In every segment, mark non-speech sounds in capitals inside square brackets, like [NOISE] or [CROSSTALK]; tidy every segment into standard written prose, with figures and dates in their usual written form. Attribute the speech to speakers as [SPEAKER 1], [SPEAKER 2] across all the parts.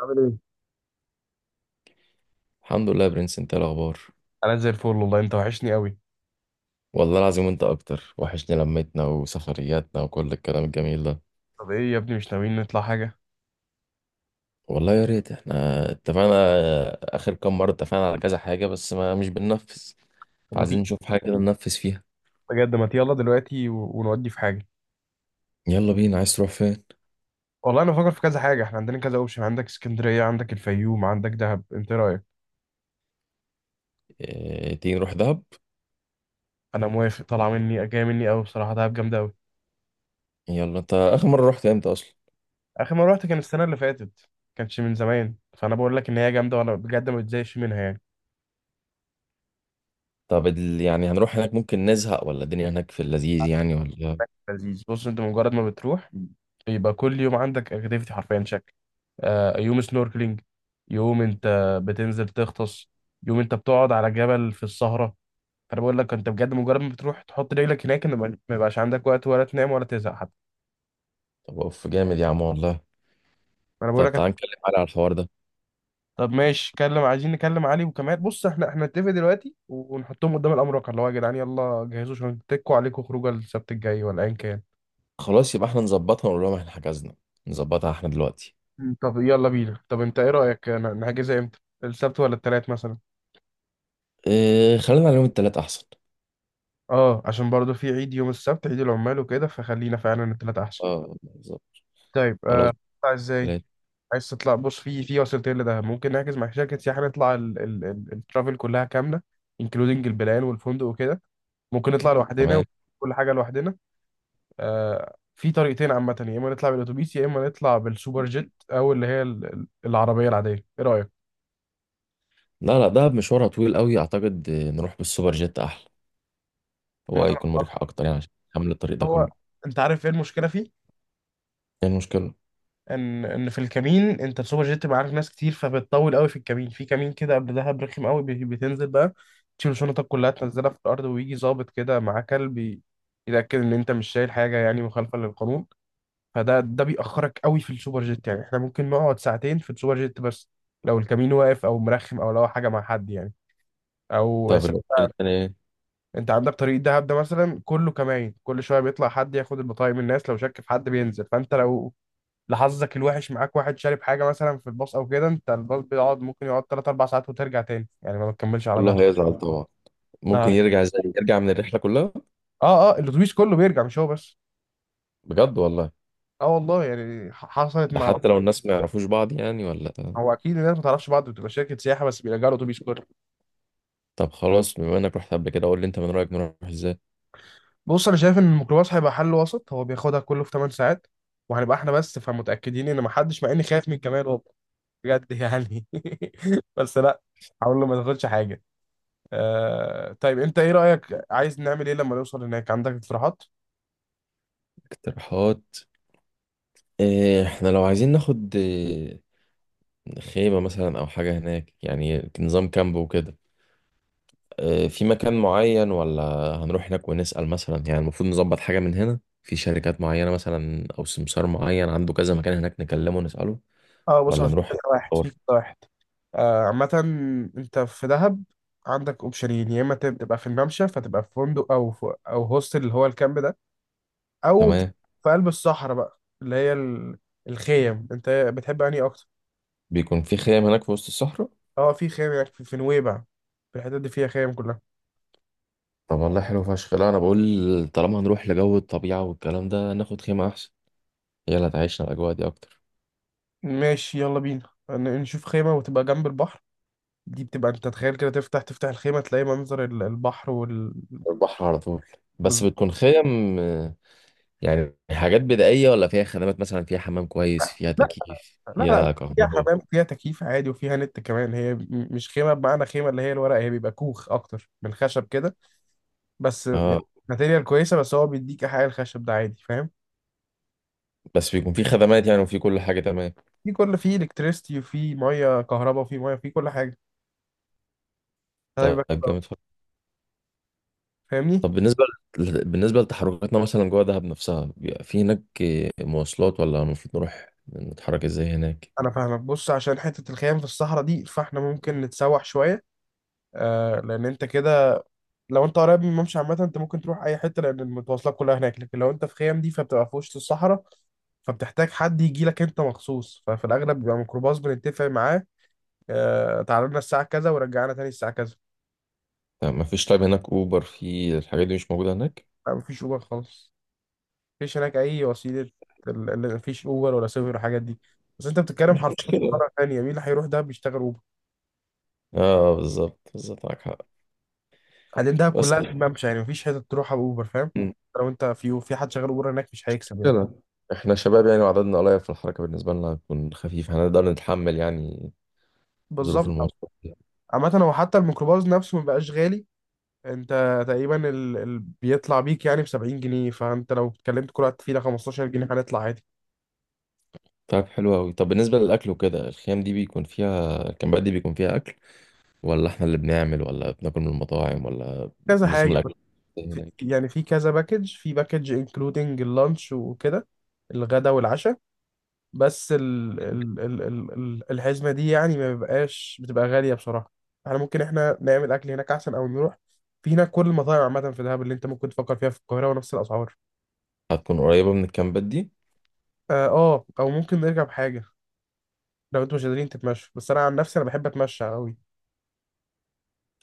[SPEAKER 1] عامل ايه؟
[SPEAKER 2] الحمد لله يا برنس، انت ايه الاخبار؟
[SPEAKER 1] انا زي الفل والله، انت وحشني قوي.
[SPEAKER 2] والله العظيم انت اكتر، وحشني لمتنا وسفرياتنا وكل الكلام الجميل ده.
[SPEAKER 1] طب ايه يا ابني، مش ناويين نطلع حاجه؟
[SPEAKER 2] والله يا ريت. احنا اتفقنا اخر كام مره، اتفقنا على كذا حاجه بس ما مش بننفذ.
[SPEAKER 1] طب ما
[SPEAKER 2] فعايزين
[SPEAKER 1] تيجي،
[SPEAKER 2] نشوف حاجه كده ننفذ فيها.
[SPEAKER 1] بجد ما تيجي يلا دلوقتي ونودي في حاجه.
[SPEAKER 2] يلا بينا، عايز تروح فين؟
[SPEAKER 1] والله انا بفكر في كذا حاجه، احنا عندنا كذا اوبشن: عندك اسكندريه، عندك الفيوم، عندك دهب. انت إيه رايك؟
[SPEAKER 2] اه تيجي نروح دهب.
[SPEAKER 1] انا موافق، طالعه مني جايه مني قوي، بصراحه دهب جامده قوي.
[SPEAKER 2] يلا، انت اخر مره رحت امتى اصلا؟
[SPEAKER 1] اخر مره رحت كان السنه اللي فاتت، كانش من زمان، فانا بقول لك ان هي جامده وانا بجد ما بتزهقش منها يعني.
[SPEAKER 2] طب يعني هنروح هناك ممكن نزهق ولا الدنيا هناك في اللذيذ يعني ولا؟
[SPEAKER 1] لذيذ، بص انت مجرد ما بتروح يبقى كل يوم عندك اكتيفيتي حرفيا شكل. آه، يوم سنوركلينج، يوم انت بتنزل تغطس، يوم انت بتقعد على جبل في السهرة. فانا بقول لك انت بجد مجرد ما بتروح تحط رجلك هناك، ان ما يبقاش عندك وقت ولا تنام ولا تزهق حتى.
[SPEAKER 2] طب اوف جامد يا عم والله.
[SPEAKER 1] انا بقول
[SPEAKER 2] طب
[SPEAKER 1] لك،
[SPEAKER 2] تعال نتكلم على الحوار ده.
[SPEAKER 1] طب ماشي كلم، عايزين نكلم علي وكمال. بص احنا نتفق دلوقتي ونحطهم قدام الامر الواقع، اللي هو يا جدعان يلا جهزوا عشان تكوا عليكم خروجه السبت الجاي ولا ايا كان.
[SPEAKER 2] خلاص يبقى احنا نظبطها ونقول لهم احنا حجزنا. نظبطها احنا دلوقتي.
[SPEAKER 1] طب يلا بينا. طب انت ايه رايك، نحجزها امتى؟ السبت ولا التلات مثلا؟
[SPEAKER 2] إيه، خلينا على يوم التلات احسن.
[SPEAKER 1] اه، عشان برضو في عيد يوم السبت، عيد العمال وكده، فخلينا فعلا التلاتة احسن.
[SPEAKER 2] اه بالظبط.
[SPEAKER 1] طيب آه،
[SPEAKER 2] خلاص،
[SPEAKER 1] هتطلع ازاي؟
[SPEAKER 2] التلات.
[SPEAKER 1] عايز تطلع، بص في وسيلتين لده: ممكن نحجز مع شركة سياحة نطلع الترافل كلها كاملة، انكلودنج البلان والفندق وكده. ممكن نطلع لوحدنا
[SPEAKER 2] تمام.
[SPEAKER 1] وكل حاجة لوحدنا. آه، في طريقتين عامة: يا اما نطلع بالاتوبيس، يا اما نطلع بالسوبر جيت، او اللي هي العربية العادية. ايه رأيك؟
[SPEAKER 2] لا لا، دهب مشوارها طويل قوي، اعتقد آه، نروح بالسوبر جيت احلى. هو
[SPEAKER 1] مثلا
[SPEAKER 2] هيكون مريح اكتر يعني، عشان حمل الطريق ده كله.
[SPEAKER 1] هو، انت عارف ايه المشكلة فيه؟
[SPEAKER 2] ايه المشكلة؟
[SPEAKER 1] ان في الكمين، انت السوبر جيت بيبقى عارف ناس كتير فبتطول قوي في الكمين. في كمين كده قبل دهب رخم قوي، بتنزل بقى تشيل شنطك كلها تنزلها في الارض، ويجي ظابط كده معاه كلب يتاكد ان انت مش شايل حاجه يعني مخالفه للقانون. فده بيأخرك قوي في السوبر جيت. يعني احنا ممكن نقعد ساعتين في السوبر جيت، بس لو الكمين واقف او مرخم او لو حاجه مع حد يعني. او
[SPEAKER 2] طب
[SPEAKER 1] س-
[SPEAKER 2] الاوبشن التاني ايه؟
[SPEAKER 1] انت عندك طريق دهب ده مثلا كله كماين، كل شويه بيطلع حد ياخد البطايق من الناس، لو شك في حد بينزل. فانت لو لحظك الوحش معاك واحد شارب حاجه مثلا في الباص او كده، انت الباص بيقعد، ممكن يقعد 3 4 ساعات وترجع تاني، يعني ما بتكملش على ده.
[SPEAKER 2] كله هيزعل طبعا. ممكن
[SPEAKER 1] اه،
[SPEAKER 2] يرجع ازاي؟ يرجع من الرحلة كلها؟
[SPEAKER 1] اه, آه الاتوبيس كله بيرجع مش هو بس.
[SPEAKER 2] بجد والله؟
[SPEAKER 1] اه والله، يعني حصلت
[SPEAKER 2] ده
[SPEAKER 1] مع.
[SPEAKER 2] حتى لو الناس ما يعرفوش بعض يعني ولا؟
[SPEAKER 1] هو اكيد الناس ما تعرفش بعض، بتبقى شركه سياحه بس بيرجعوا الاتوبيس كله.
[SPEAKER 2] طب خلاص، بما انك رحت قبل كده قول لي، انت من رأيك نروح ازاي؟
[SPEAKER 1] بص انا شايف ان الميكروباص هيبقى حل وسط، هو بياخدها كله في 8 ساعات، وهنبقى احنا بس، فمتاكدين ان ما حدش مع، اني خايف من كمال والله، بجد يعني [LAUGHS] بس لا، هقول له ما تاخدش حاجه. آه طيب انت ايه رايك، عايز نعمل ايه لما نوصل هناك؟ عندك اقتراحات؟
[SPEAKER 2] اقتراحات؟ إيه، احنا لو عايزين ناخد إيه، خيمة مثلا او حاجة هناك يعني، نظام كامب وكده؟ آه، في مكان معين ولا هنروح هناك ونسأل؟ مثلا يعني المفروض نظبط حاجة من هنا، في شركات معينة مثلا أو سمسار معين عنده كذا مكان هناك نكلمه ونسأله.
[SPEAKER 1] اه بص، هو
[SPEAKER 2] ولا
[SPEAKER 1] في
[SPEAKER 2] نروح
[SPEAKER 1] كذا واحد في
[SPEAKER 2] ندور؟
[SPEAKER 1] كذا واحد. آه، عامة انت في دهب عندك اوبشنين: يا اما تبقى في الممشى، فتبقى في فندق او في هوستل اللي هو الكامب ده، او ت-
[SPEAKER 2] تمام.
[SPEAKER 1] في قلب الصحراء بقى اللي هي الخيم. انت بتحب انهي اكتر؟
[SPEAKER 2] بيكون في خيام هناك في وسط الصحراء؟
[SPEAKER 1] اه في خيم هناك في نويبع، في الحتت دي فيها خيم كلها.
[SPEAKER 2] طب والله حلو فشخ. لا أنا بقول طالما هنروح لجو الطبيعة والكلام ده، ناخد خيمة أحسن. هي اللي هتعيشنا الأجواء دي أكتر.
[SPEAKER 1] ماشي يلا بينا نشوف خيمة وتبقى جنب البحر. دي بتبقى، انت تخيل كده تفتح تفتح الخيمة تلاقي منظر البحر وال.
[SPEAKER 2] البحر على طول. بس بتكون خيم آه، يعني حاجات بدائية ولا فيها خدمات مثلا، فيها حمام
[SPEAKER 1] بز-
[SPEAKER 2] كويس، فيها
[SPEAKER 1] لا
[SPEAKER 2] تكييف،
[SPEAKER 1] لا،
[SPEAKER 2] فيها
[SPEAKER 1] فيها
[SPEAKER 2] كهرباء؟
[SPEAKER 1] حمام وفيها تكييف عادي وفيها نت كمان. هي مش خيمه بمعنى خيمه اللي هي الورق، هي بيبقى كوخ اكتر، من خشب كده بس يعني
[SPEAKER 2] اه.
[SPEAKER 1] ماتيريال كويسه، بس هو بيديك احياء الخشب ده عادي، فاهم؟
[SPEAKER 2] بس بيكون في خدمات يعني وفي كل حاجة؟ تمام.
[SPEAKER 1] في كل، فيه الكتريستي وفي ميه كهرباء وفي ميه، في كل حاجه، فده بيبقى
[SPEAKER 2] طيب
[SPEAKER 1] حلو
[SPEAKER 2] جامد
[SPEAKER 1] أوي.
[SPEAKER 2] فشخ.
[SPEAKER 1] فاهمني؟
[SPEAKER 2] طب بالنسبة بالنسبة لتحركاتنا مثلا جوه دهب نفسها، بيبقى في هناك مواصلات ولا المفروض نروح نتحرك ازاي هناك؟
[SPEAKER 1] انا فاهمك. بص عشان حته الخيام في الصحراء دي، فاحنا ممكن نتسوح شويه. آه لان انت كده، لو انت قريب من الممشى عامة انت ممكن تروح اي حتة، لان المتواصلات كلها هناك. لكن لو انت في خيام دي فبتبقى في وسط الصحراء، فبتحتاج حد يجي لك انت مخصوص، ففي الاغلب بيبقى ميكروباص بنتفق معاه اه، تعالى لنا الساعة كذا، ورجعنا تاني الساعة كذا.
[SPEAKER 2] طب ما فيش طيب هناك اوبر؟ في الحاجات دي مش موجودة هناك؟
[SPEAKER 1] اه، مفيش اوبر خالص، مفيش هناك اي وسيلة. مفيش اوبر ولا سوبر ولا الحاجات دي. بس انت بتتكلم حرفيا في
[SPEAKER 2] مشكلة.
[SPEAKER 1] قارة تانية، مين اللي هيروح دهب بيشتغل اوبر؟
[SPEAKER 2] اه بالظبط، بالظبط، معاك حق.
[SPEAKER 1] بعدين دهب
[SPEAKER 2] بس
[SPEAKER 1] كلها في ممشى، يعني مفيش حتة تروحها باوبر، فاهم؟ لو انت في حد شغال اوبر هناك مش هيكسب يعني.
[SPEAKER 2] مشكلة، احنا شباب يعني وعددنا قليل، في الحركة بالنسبة لنا هتكون خفيف، هنقدر نتحمل يعني ظروف
[SPEAKER 1] بالظبط.
[SPEAKER 2] المواصلات.
[SPEAKER 1] عامة هو حتى الميكروباص نفسه مبقاش غالي، انت تقريبا ال... ال... بيطلع بيك يعني ب 70 جنيه، فانت لو اتكلمت كل واحد فينا 15 جنيه، هنطلع عادي.
[SPEAKER 2] طيب حلو أوي. طب بالنسبة للأكل وكده، الخيام دي بيكون فيها، الكامبات دي بيكون فيها أكل، ولا احنا اللي بنعمل، ولا بناكل من المطاعم ولا؟
[SPEAKER 1] كذا
[SPEAKER 2] نظام
[SPEAKER 1] حاجه
[SPEAKER 2] الاكل
[SPEAKER 1] بس، في
[SPEAKER 2] هناك.
[SPEAKER 1] يعني في كذا باكج، في باكج انكلودنج اللانش وكده، الغدا والعشاء، بس ال... ال... ال... ال... الحزمه دي يعني ما بيبقاش، بتبقى غاليه بصراحه. احنا ممكن نعمل اكل هناك احسن، او نروح. في هناك كل المطاعم عامه في دهب اللي انت ممكن تفكر فيها في القاهره ونفس الاسعار.
[SPEAKER 2] هتكون قريبه من الكامبات دي؟
[SPEAKER 1] اه آه، او ممكن نرجع بحاجه لو انتوا مش قادرين تتمشوا، بس انا عن نفسي انا بحب اتمشى قوي.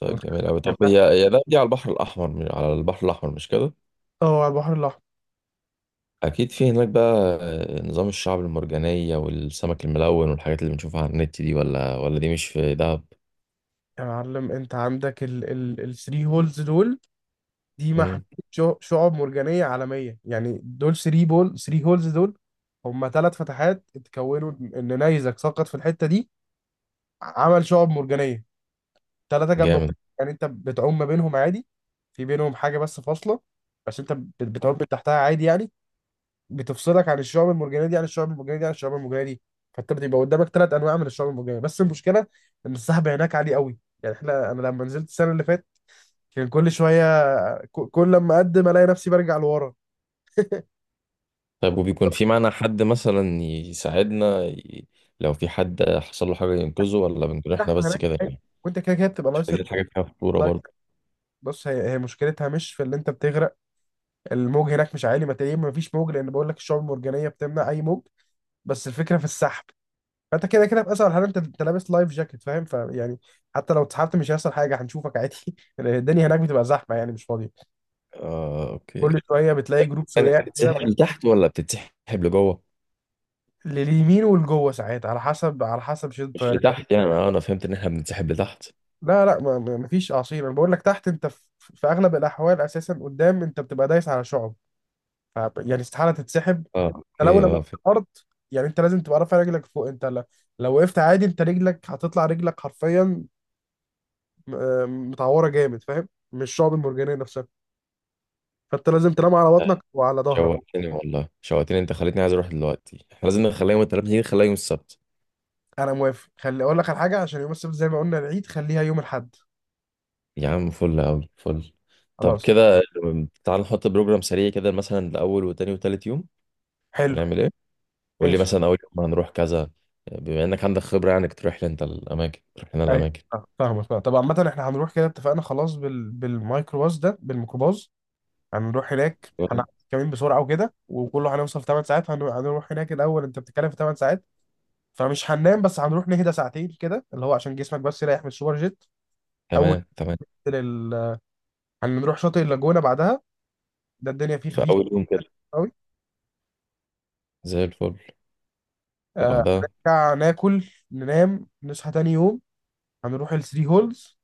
[SPEAKER 1] انت متخيل،
[SPEAKER 2] جميل قوي. طب هي دي على البحر الاحمر على البحر الاحمر مش كده؟
[SPEAKER 1] اه على البحر الأحمر.
[SPEAKER 2] اكيد في هناك بقى آه، نظام الشعب المرجانيه والسمك الملون والحاجات اللي بنشوفها على النت دي، ولا دي مش في دهب؟
[SPEAKER 1] يا معلم، أنت عندك ال الثري هولز دول، دي محمية.
[SPEAKER 2] مم.
[SPEAKER 1] شعب مرجانية عالمية يعني، دول ثري بول، ثري هولز دول، هما ثلاث فتحات اتكونوا إن نيزك سقط في الحتة دي عمل شعب مرجانية، ثلاثة جنب بعض.
[SPEAKER 2] جامد.
[SPEAKER 1] يعني أنت بتعوم ما بينهم عادي، في بينهم حاجة بس فاصلة، بس أنت بتعوم من تحتها عادي يعني، بتفصلك عن الشعب المرجانيه دي عن الشعب المرجانيه دي عن الشعب المرجانيه دي. فانت بتبقى قدامك ثلاث انواع من الشعب المرجانيه، بس المشكله ان السحب هناك عالي قوي يعني. احنا، انا لما نزلت السنه اللي فاتت كان كل شويه، كل لما اقدم الاقي نفسي برجع لورا.
[SPEAKER 2] طيب وبيكون في معانا حد مثلا يساعدنا لو في حد حصل له حاجه ينقذه، ولا بنكون
[SPEAKER 1] السحب
[SPEAKER 2] احنا بس
[SPEAKER 1] هناك
[SPEAKER 2] كده
[SPEAKER 1] عالي،
[SPEAKER 2] يعني؟
[SPEAKER 1] وانت كده كده بتبقى
[SPEAKER 2] مش
[SPEAKER 1] لايس،
[SPEAKER 2] عايزين حاجه فيها خطوره
[SPEAKER 1] لايس.
[SPEAKER 2] برضه.
[SPEAKER 1] بص هي مشكلتها مش في اللي انت بتغرق، الموج هناك مش عالي، ما تقريبا ما فيش موج، لان بقول لك الشعب المرجانيه بتمنع اي موج، بس الفكره في السحب. فانت كده كده في اسهل حاله انت لابس لايف جاكيت فاهم، فيعني حتى لو اتسحبت مش هيحصل حاجه، هنشوفك عادي [LAUGHS] الدنيا هناك بتبقى زحمه يعني مش فاضيه،
[SPEAKER 2] آه،
[SPEAKER 1] كل
[SPEAKER 2] اوكي.
[SPEAKER 1] شويه بتلاقي جروب
[SPEAKER 2] انا
[SPEAKER 1] سواق كده.
[SPEAKER 2] بتتسحب لتحت ولا بتتسحب لجوه؟
[SPEAKER 1] لليمين والجوه ساعات على حسب، شده
[SPEAKER 2] مش
[SPEAKER 1] الطيارة.
[SPEAKER 2] لتحت يعني؟ أنا فهمت ان احنا بنتسحب لتحت.
[SPEAKER 1] لا لا ما ما- مفيش اعاصير، انا بقول لك تحت، انت في اغلب الاحوال اساسا قدام انت بتبقى دايس على شعب، يعني استحاله تتسحب.
[SPEAKER 2] اه
[SPEAKER 1] انت لو
[SPEAKER 2] اوكي،
[SPEAKER 1] لمست
[SPEAKER 2] اه فهمت.
[SPEAKER 1] الارض، يعني انت لازم تبقى رافع رجلك فوق. انت لو وقفت عادي، انت رجلك هتطلع، رجلك حرفيا آه، متعوره جامد، فاهم؟ مش شعب المرجانيه نفسها. فانت لازم تنام على بطنك وعلى ظهرك.
[SPEAKER 2] شوقتني والله، شوقتني، انت خليتني عايز اروح دلوقتي. احنا لازم نخليها يوم التلات، نيجي نخليها يوم السبت.
[SPEAKER 1] انا موافق، خلي اقول لك على حاجه: عشان يوم السبت زي ما قلنا العيد، خليها يوم الاحد.
[SPEAKER 2] يا عم فل قوي، فل. طب
[SPEAKER 1] خلاص،
[SPEAKER 2] كده تعال نحط بروجرام سريع كده، مثلا لاول وتاني وتالت يوم
[SPEAKER 1] حلو،
[SPEAKER 2] هنعمل ايه. قول لي
[SPEAKER 1] ماشي.
[SPEAKER 2] مثلا اول يوم هنروح كذا، بما انك عندك خبرة يعني، تروح لنا
[SPEAKER 1] ايوه.
[SPEAKER 2] الاماكن.
[SPEAKER 1] آه، فاهمك فاهمك. طب عامة احنا هنروح كده، اتفقنا خلاص بال... بالميكروباص ده، بالميكروباص هنروح هناك، هنعمل كمين بسرعة وكده، وكله هنوصل في 8 ساعات. هنروح هناك الأول، أنت بتتكلم في 8 ساعات فمش هننام، بس هنروح نهدى ساعتين كده، اللي هو عشان جسمك بس يريح من السوبر جيت. أول
[SPEAKER 2] تمام تمام.
[SPEAKER 1] لل... هنروح شاطئ اللاجونة بعدها، ده الدنيا فيه
[SPEAKER 2] في
[SPEAKER 1] خفيف
[SPEAKER 2] اول يوم كده؟
[SPEAKER 1] قوي.
[SPEAKER 2] زي الفل.
[SPEAKER 1] آه،
[SPEAKER 2] وبعدها؟
[SPEAKER 1] نرجع ناكل، ننام، نصحى تاني يوم، هنروح الثري هولز،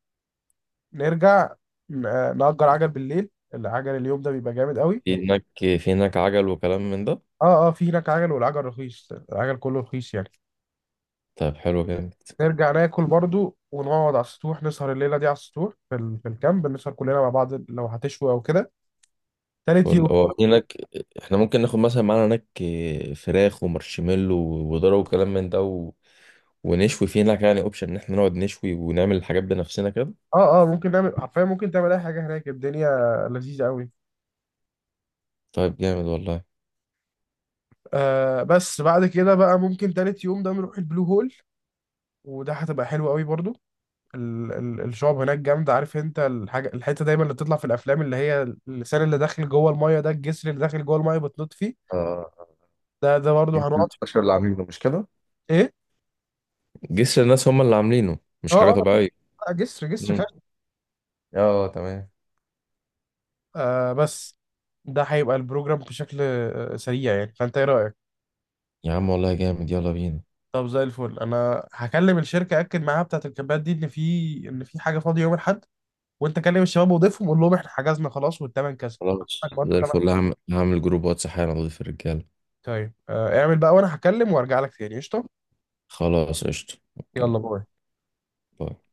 [SPEAKER 1] نرجع آه، نأجر عجل بالليل، العجل اليوم ده بيبقى جامد قوي.
[SPEAKER 2] في هناك، في هناك عجل وكلام من ده؟
[SPEAKER 1] اه اه في هناك عجل، والعجل رخيص، العجل كله رخيص يعني.
[SPEAKER 2] طيب حلو جامد.
[SPEAKER 1] نرجع ناكل برضو، ونقعد على السطوح نسهر الليلة دي على السطوح في في الكامب، نسهر كلنا مع بعض لو هتشوي أو كده. تالت
[SPEAKER 2] فل
[SPEAKER 1] يوم،
[SPEAKER 2] هو هناك. احنا ممكن ناخد مثلا معانا هناك آه، فراخ ومارشميلو وذره وكلام من ده و... ونشوي في هناك يعني، اوبشن ان احنا نقعد نشوي ونعمل الحاجات بنفسنا كده.
[SPEAKER 1] اه اه ممكن نعمل حرفيا، ممكن تعمل أي حاجة هناك، الدنيا لذيذة قوي.
[SPEAKER 2] طيب جامد والله.
[SPEAKER 1] آه، بس بعد كده بقى ممكن تالت يوم ده نروح البلو هول، وده هتبقى حلوة قوي برضو. الشعب هناك جامدة. عارف انت الحاجة، الحتة دايما اللي بتطلع في الافلام، اللي هي اللسان اللي داخل جوه المية ده، الجسر اللي داخل جوه المية بتنط فيه،
[SPEAKER 2] آه.
[SPEAKER 1] ده برضه
[SPEAKER 2] جبت
[SPEAKER 1] هنقعد فيه.
[SPEAKER 2] البشر اللي عاملينه مش كده؟
[SPEAKER 1] ايه؟
[SPEAKER 2] جسر الناس هم اللي عاملينه، مش
[SPEAKER 1] اه
[SPEAKER 2] حاجة
[SPEAKER 1] اه،
[SPEAKER 2] طبيعية؟
[SPEAKER 1] لا، جسر
[SPEAKER 2] مم.
[SPEAKER 1] خشب.
[SPEAKER 2] اه تمام.
[SPEAKER 1] آه بس ده هيبقى البروجرام بشكل آه، سريع يعني، فانت ايه رأيك؟
[SPEAKER 2] يا عم والله جامد، يلا بينا.
[SPEAKER 1] طب زي الفل، انا هكلم الشركة اكد معاها بتاعة الكامبات دي ان ان في حاجة فاضية يوم الاحد، وانت كلم الشباب وضيفهم، قول لهم احنا حجزنا خلاص والتمن كذا. عندك
[SPEAKER 2] خلاص
[SPEAKER 1] برضه
[SPEAKER 2] زي
[SPEAKER 1] تمن.
[SPEAKER 2] الفل، هعمل جروب واتس حالا، اضيف الرجالة.
[SPEAKER 1] طيب آه اعمل بقى، وانا هكلم وارجع لك تاني. قشطة،
[SPEAKER 2] خلاص قشطة، اوكي.
[SPEAKER 1] يلا باي.
[SPEAKER 2] باي.